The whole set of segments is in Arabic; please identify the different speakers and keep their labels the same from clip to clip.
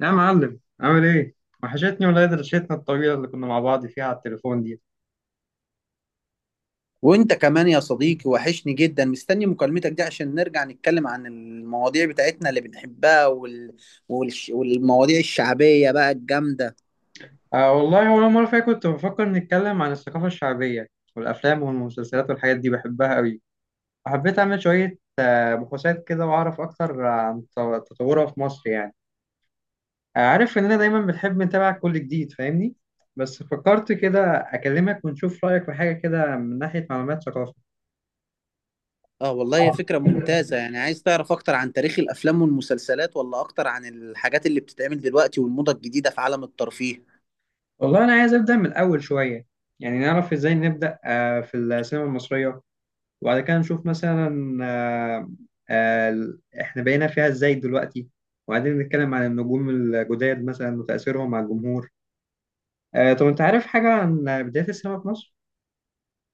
Speaker 1: يا معلم، عامل ايه؟ وحشتني، ولا درشتنا الطويلة اللي كنا مع بعض فيها على التليفون دي.
Speaker 2: وانت كمان يا صديقي، وحشني جدا. مستني مكالمتك دي عشان نرجع نتكلم عن المواضيع بتاعتنا اللي بنحبها والمواضيع الشعبية بقى الجامدة.
Speaker 1: آه والله، أول مرة فيها كنت بفكر نتكلم عن الثقافة الشعبية والأفلام والمسلسلات والحاجات دي بحبها أوي. وحبيت أعمل شوية بحوثات كده وأعرف أكتر عن تطورها في مصر يعني. عارف إننا دايما بنحب نتابع كل جديد، فاهمني؟ بس فكرت كده أكلمك ونشوف رأيك في حاجة كده من ناحية معلومات ثقافة.
Speaker 2: اه، والله هي فكرة ممتازة. يعني عايز تعرف اكتر عن تاريخ الافلام والمسلسلات، ولا اكتر عن الحاجات اللي بتتعمل دلوقتي والموضة الجديدة في عالم الترفيه؟
Speaker 1: والله أنا عايز أبدأ من الأول شوية، يعني نعرف إزاي نبدأ في السينما المصرية، وبعد كده نشوف مثلا احنا بقينا فيها ازاي دلوقتي، وبعدين نتكلم عن النجوم الجداد مثلا وتأثيرهم على الجمهور. طب انت عارف حاجة عن بداية السينما في مصر؟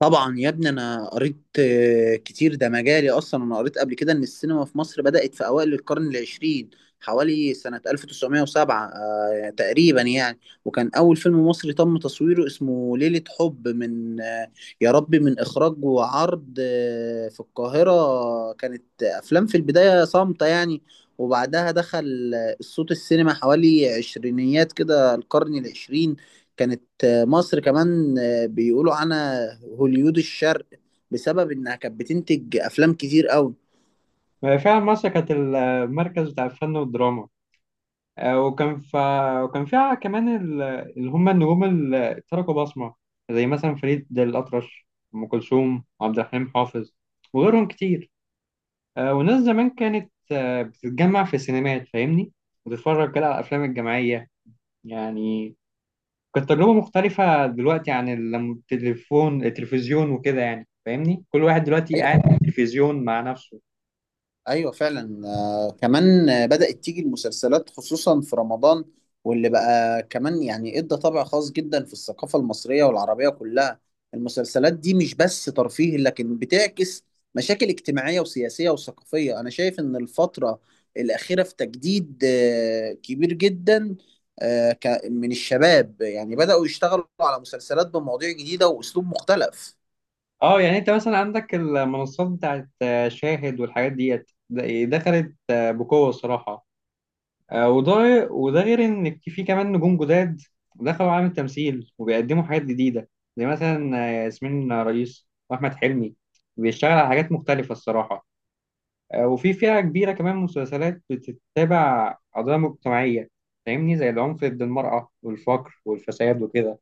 Speaker 2: طبعا يا ابني، انا قريت كتير، ده مجالي اصلا. انا قريت قبل كده ان السينما في مصر بدأت في اوائل القرن العشرين، حوالي سنة 1907 تقريبا يعني. وكان اول فيلم مصري تم تصويره اسمه ليلة حب، من يا ربي، من اخراج وعرض في القاهرة. كانت افلام في البداية صامتة يعني، وبعدها دخل الصوت السينما حوالي عشرينيات كده القرن العشرين. كانت مصر كمان بيقولوا عنها هوليود الشرق، بسبب انها كانت بتنتج افلام كتير قوي.
Speaker 1: فعلا مصر كانت المركز بتاع الفن والدراما، آه، وكان ف... وكان فيها كمان اللي هم النجوم اللي تركوا بصمة، زي مثلا فريد الأطرش، أم كلثوم، عبد الحليم حافظ، وغيرهم كتير. والناس زمان كانت بتتجمع في السينمات، فاهمني، وتتفرج كده على الأفلام الجماعية يعني. كانت تجربة مختلفة دلوقتي عن لما التليفون التلفزيون وكده، يعني فاهمني، كل واحد دلوقتي قاعد في التلفزيون مع نفسه.
Speaker 2: ايوه فعلا. كمان بدأت تيجي المسلسلات خصوصا في رمضان، واللي بقى كمان يعني ادى طابع خاص جدا في الثقافة المصرية والعربية كلها. المسلسلات دي مش بس ترفيه، لكن بتعكس مشاكل اجتماعية وسياسية وثقافية. انا شايف ان الفترة الأخيرة في تجديد كبير جدا، من الشباب يعني بدأوا يشتغلوا على مسلسلات بمواضيع جديدة وأسلوب مختلف.
Speaker 1: اه يعني انت مثلا عندك المنصات بتاعت شاهد والحاجات ديت دخلت بقوة الصراحة. وده وده غير ان في كمان نجوم جداد دخلوا عالم التمثيل وبيقدموا حاجات جديده، زي مثلا ياسمين رئيس واحمد حلمي بيشتغل على حاجات مختلفه الصراحه. وفي فئه كبيره كمان مسلسلات بتتابع قضايا مجتمعيه، فاهمني، زي العنف ضد المراه والفقر والفساد وكده.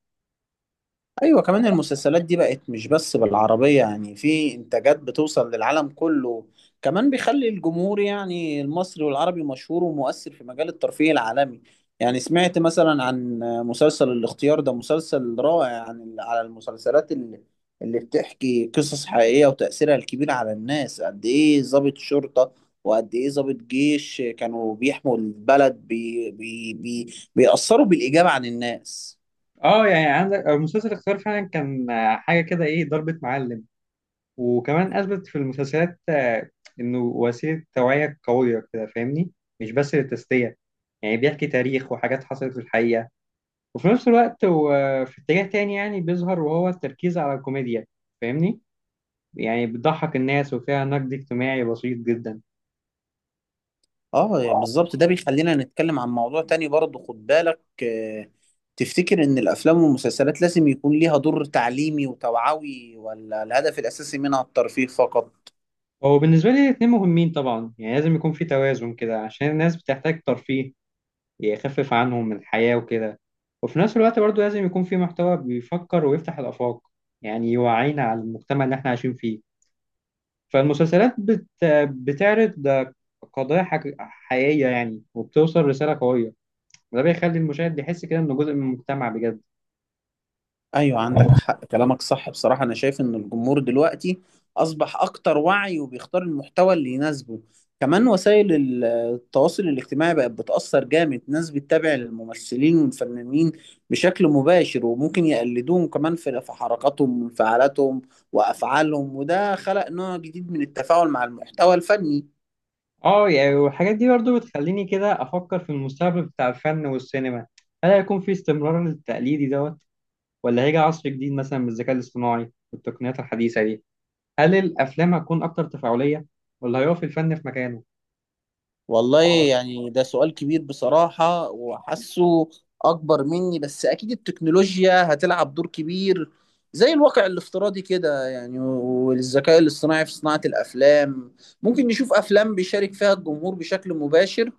Speaker 2: ايوه، كمان المسلسلات دي بقت مش بس بالعربية، يعني في انتاجات بتوصل للعالم كله، كمان بيخلي الجمهور يعني المصري والعربي مشهور ومؤثر في مجال الترفيه العالمي. يعني سمعت مثلا عن مسلسل الاختيار، ده مسلسل رائع عن على المسلسلات اللي بتحكي قصص حقيقية وتأثيرها الكبير على الناس، قد ايه ضابط شرطة وقد ايه ضابط جيش كانوا بيحموا البلد، بي بي بي بيأثروا بالإيجاب عن الناس.
Speaker 1: اه يعني عندك مسلسل اختيار فعلا كان حاجه كده، ايه ضربة معلم. وكمان أثبت في المسلسلات إنه وسيلة توعية قوية كده، فاهمني، مش بس للتسلية، يعني بيحكي تاريخ وحاجات حصلت في الحقيقة. وفي نفس الوقت هو في اتجاه تاني يعني بيظهر، وهو التركيز على الكوميديا، فاهمني، يعني بتضحك الناس وفيها نقد اجتماعي بسيط جدا.
Speaker 2: اه يعني بالظبط. ده بيخلينا نتكلم عن موضوع تاني برضه، خد بالك. تفتكر ان الافلام والمسلسلات لازم يكون ليها دور تعليمي وتوعوي، ولا الهدف الاساسي منها الترفيه فقط؟
Speaker 1: هو بالنسبة لي الاتنين مهمين طبعا، يعني لازم يكون في توازن كده عشان الناس بتحتاج ترفيه يخفف عنهم من الحياة وكده. وفي نفس الوقت برضو لازم يكون في محتوى بيفكر ويفتح الآفاق، يعني يوعينا على المجتمع اللي احنا عايشين فيه. فالمسلسلات بت... بتعرض حقيقية يعني، وبتوصل رسالة قوية، وده بيخلي المشاهد يحس كده إنه جزء من المجتمع بجد.
Speaker 2: ايوه، عندك حق، كلامك صح بصراحة. انا شايف ان الجمهور دلوقتي اصبح اكتر وعي وبيختار المحتوى اللي يناسبه. كمان وسائل التواصل الاجتماعي بقت بتأثر جامد، ناس بتتابع الممثلين والفنانين بشكل مباشر وممكن يقلدوهم كمان في حركاتهم وانفعالاتهم وافعالهم، وده خلق نوع جديد من التفاعل مع المحتوى الفني.
Speaker 1: اه يعني، والحاجات دي برضو بتخليني كده أفكر في المستقبل بتاع الفن والسينما. هل هيكون في استمرار للتقليدي دوت، ولا هيجي عصر جديد مثلا بالذكاء الاصطناعي والتقنيات الحديثة دي؟ هل الافلام هتكون اكتر تفاعليه، ولا هيقف الفن في مكانه؟
Speaker 2: والله يعني ده سؤال كبير بصراحة، وحاسه أكبر مني، بس أكيد التكنولوجيا هتلعب دور كبير، زي الواقع الافتراضي كده يعني، والذكاء الاصطناعي في صناعة الأفلام. ممكن نشوف أفلام بيشارك فيها الجمهور بشكل مباشر،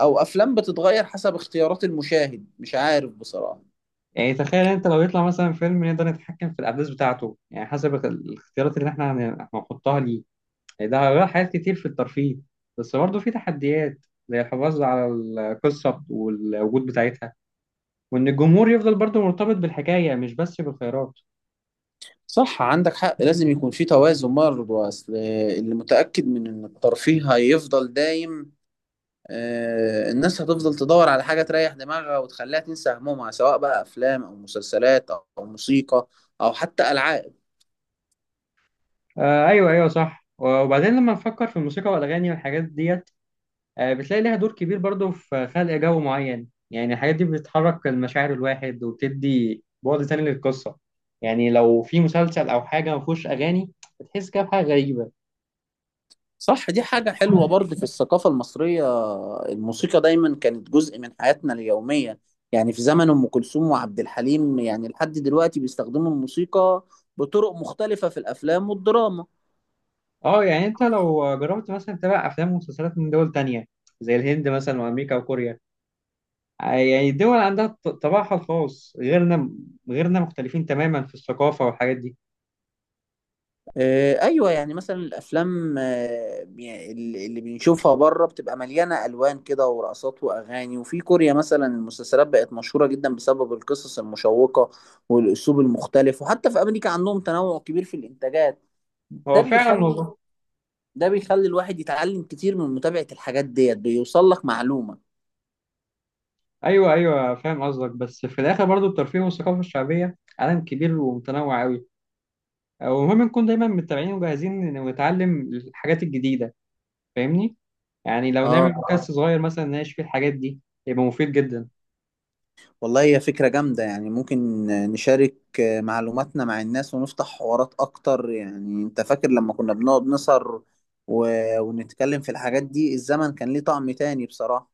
Speaker 2: أو أفلام بتتغير حسب اختيارات المشاهد. مش عارف بصراحة.
Speaker 1: يعني تخيل انت لو يطلع مثلا فيلم نقدر نتحكم في الاحداث بتاعته، يعني حسب الاختيارات اللي احنا هنحطها ليه. يعني ده هيغير حاجات كتير في الترفيه، بس برضه في تحديات زي الحفاظ على القصه والوجود بتاعتها، وان الجمهور يفضل برضه مرتبط بالحكايه مش بس بالخيارات.
Speaker 2: صح، عندك حق، لازم يكون في توازن برضه. أصل اللي متأكد من إن الترفيه هيفضل دايم. الناس هتفضل تدور على حاجة تريح دماغها وتخليها تنسى همومها، سواء بقى أفلام أو مسلسلات أو موسيقى أو حتى ألعاب.
Speaker 1: آه ايوه، ايوه صح. وبعدين لما نفكر في الموسيقى والاغاني والحاجات ديت، بتلاقي ليها دور كبير برضو في خلق جو معين، يعني الحاجات دي بتحرك المشاعر الواحد وبتدي بعد تاني للقصة. يعني لو في مسلسل أو حاجة ما فيهوش أغاني، بتحس كده بحاجة غريبة.
Speaker 2: صح، دي حاجة حلوة برضه في الثقافة المصرية. الموسيقى دايما كانت جزء من حياتنا اليومية، يعني في زمن أم كلثوم وعبد الحليم، يعني لحد دلوقتي بيستخدموا الموسيقى بطرق مختلفة في الأفلام والدراما.
Speaker 1: اه يعني انت لو جربت مثلا تتابع أفلام ومسلسلات من دول تانية، زي الهند مثلا وأمريكا وكوريا، يعني الدول عندها طباعها الخاص غيرنا، غيرنا مختلفين تماما في الثقافة والحاجات دي.
Speaker 2: ايوه، يعني مثلا الافلام، يعني اللي بنشوفها بره بتبقى مليانه الوان كده ورقصات واغاني. وفي كوريا مثلا المسلسلات بقت مشهوره جدا بسبب القصص المشوقه والاسلوب المختلف، وحتى في امريكا عندهم تنوع كبير في الانتاجات.
Speaker 1: هو
Speaker 2: ده
Speaker 1: فعلا
Speaker 2: بيخلي
Speaker 1: والله.
Speaker 2: ده بيخلي الواحد يتعلم كتير من متابعه الحاجات ديت، بيوصل لك معلومه.
Speaker 1: أيوه أيوه، فاهم قصدك، بس في الآخر برضو الترفيه والثقافة الشعبية عالم كبير ومتنوع أوي، ومهم نكون دايما متابعين وجاهزين ونتعلم الحاجات الجديدة، فاهمني. يعني لو
Speaker 2: اه
Speaker 1: نعمل بودكاست صغير مثلا نناقش فيه الحاجات دي، يبقى مفيد جدا.
Speaker 2: والله، هي فكرة جامدة يعني. ممكن نشارك معلوماتنا مع الناس ونفتح حوارات أكتر. يعني أنت فاكر لما كنا بنقعد نسهر و... ونتكلم في الحاجات دي؟ الزمن كان ليه طعم تاني بصراحة.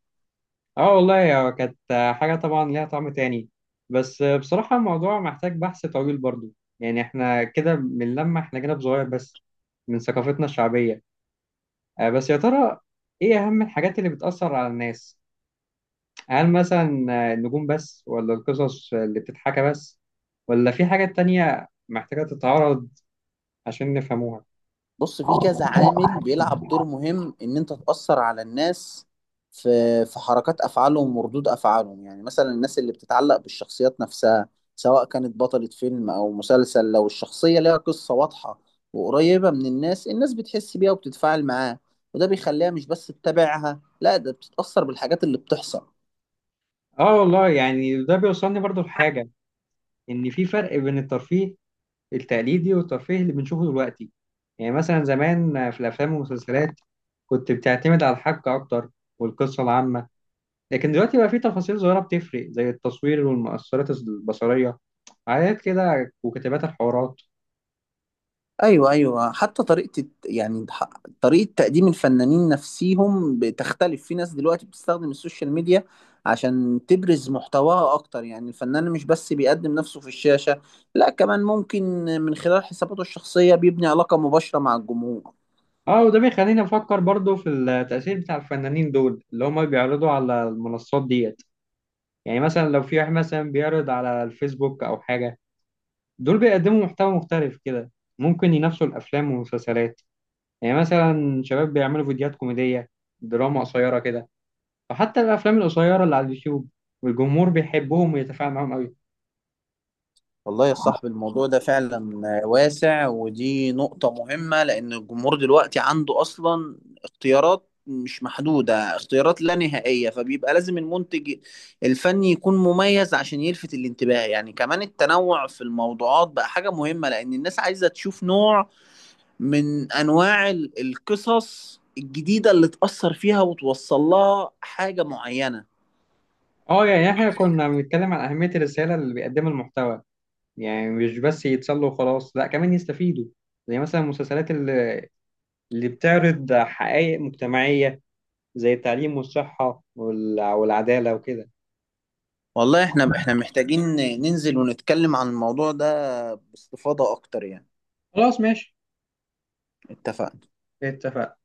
Speaker 1: اه والله، هو كانت حاجة طبعا ليها طعم تاني. بس بصراحة الموضوع محتاج بحث طويل برضو، يعني احنا كده بنلمح احنا جانب صغير بس من ثقافتنا الشعبية. بس يا ترى ايه اهم الحاجات اللي بتأثر على الناس؟ هل مثلا النجوم بس، ولا القصص اللي بتتحكى بس، ولا في حاجات تانية محتاجة تتعرض عشان نفهموها؟
Speaker 2: بص، في كذا عامل بيلعب دور مهم ان انت تأثر على الناس، في في حركات افعالهم وردود افعالهم، يعني مثلا الناس اللي بتتعلق بالشخصيات نفسها، سواء كانت بطلة فيلم او مسلسل. لو الشخصية ليها قصة واضحة وقريبة من الناس، الناس بتحس بيها وبتتفاعل معاها، وده بيخليها مش بس تتابعها، لا ده بتتأثر بالحاجات اللي بتحصل.
Speaker 1: اه والله، يعني ده بيوصلني برضو لحاجة، ان في فرق بين الترفيه التقليدي والترفيه اللي بنشوفه دلوقتي. يعني مثلا زمان في الافلام والمسلسلات كنت بتعتمد على الحبكة اكتر والقصة العامة، لكن دلوقتي بقى في تفاصيل صغيرة بتفرق زي التصوير والمؤثرات البصرية، حاجات كده وكتابات الحوارات.
Speaker 2: ايوه، ايوه. حتى طريقه يعني طريقه تقديم الفنانين نفسيهم بتختلف. في ناس دلوقتي بتستخدم السوشيال ميديا عشان تبرز محتواها اكتر، يعني الفنان مش بس بيقدم نفسه في الشاشه، لا كمان ممكن من خلال حساباته الشخصيه بيبني علاقه مباشره مع الجمهور.
Speaker 1: اه، وده بيخليني افكر برضو في التأثير بتاع الفنانين دول اللي هم بيعرضوا على المنصات ديت. يعني مثلا لو في واحد مثلا بيعرض على الفيسبوك او حاجة، دول بيقدموا محتوى مختلف كده، ممكن ينافسوا الافلام والمسلسلات. يعني مثلا شباب بيعملوا فيديوهات كوميديه، دراما قصيره كده. فحتى الافلام القصيره اللي على اليوتيوب، والجمهور بيحبهم ويتفاعل معاهم قوي.
Speaker 2: والله يا صاحبي، الموضوع ده فعلا واسع، ودي نقطة مهمة، لأن الجمهور دلوقتي عنده أصلا اختيارات مش محدودة، اختيارات لا نهائية، فبيبقى لازم المنتج الفني يكون مميز عشان يلفت الانتباه. يعني كمان التنوع في الموضوعات بقى حاجة مهمة، لأن الناس عايزة تشوف نوع من أنواع القصص الجديدة اللي تأثر فيها وتوصل لها حاجة معينة.
Speaker 1: اه يعني احنا كنا بنتكلم عن اهميه الرساله اللي بيقدمها المحتوى، يعني مش بس يتسلوا وخلاص، لا كمان يستفيدوا، زي مثلا المسلسلات اللي بتعرض حقائق مجتمعيه زي التعليم والصحه والعداله وكده.
Speaker 2: والله احنا محتاجين ننزل ونتكلم عن الموضوع ده باستفاضة اكتر يعني.
Speaker 1: خلاص ماشي،
Speaker 2: اتفقنا.
Speaker 1: اتفقنا.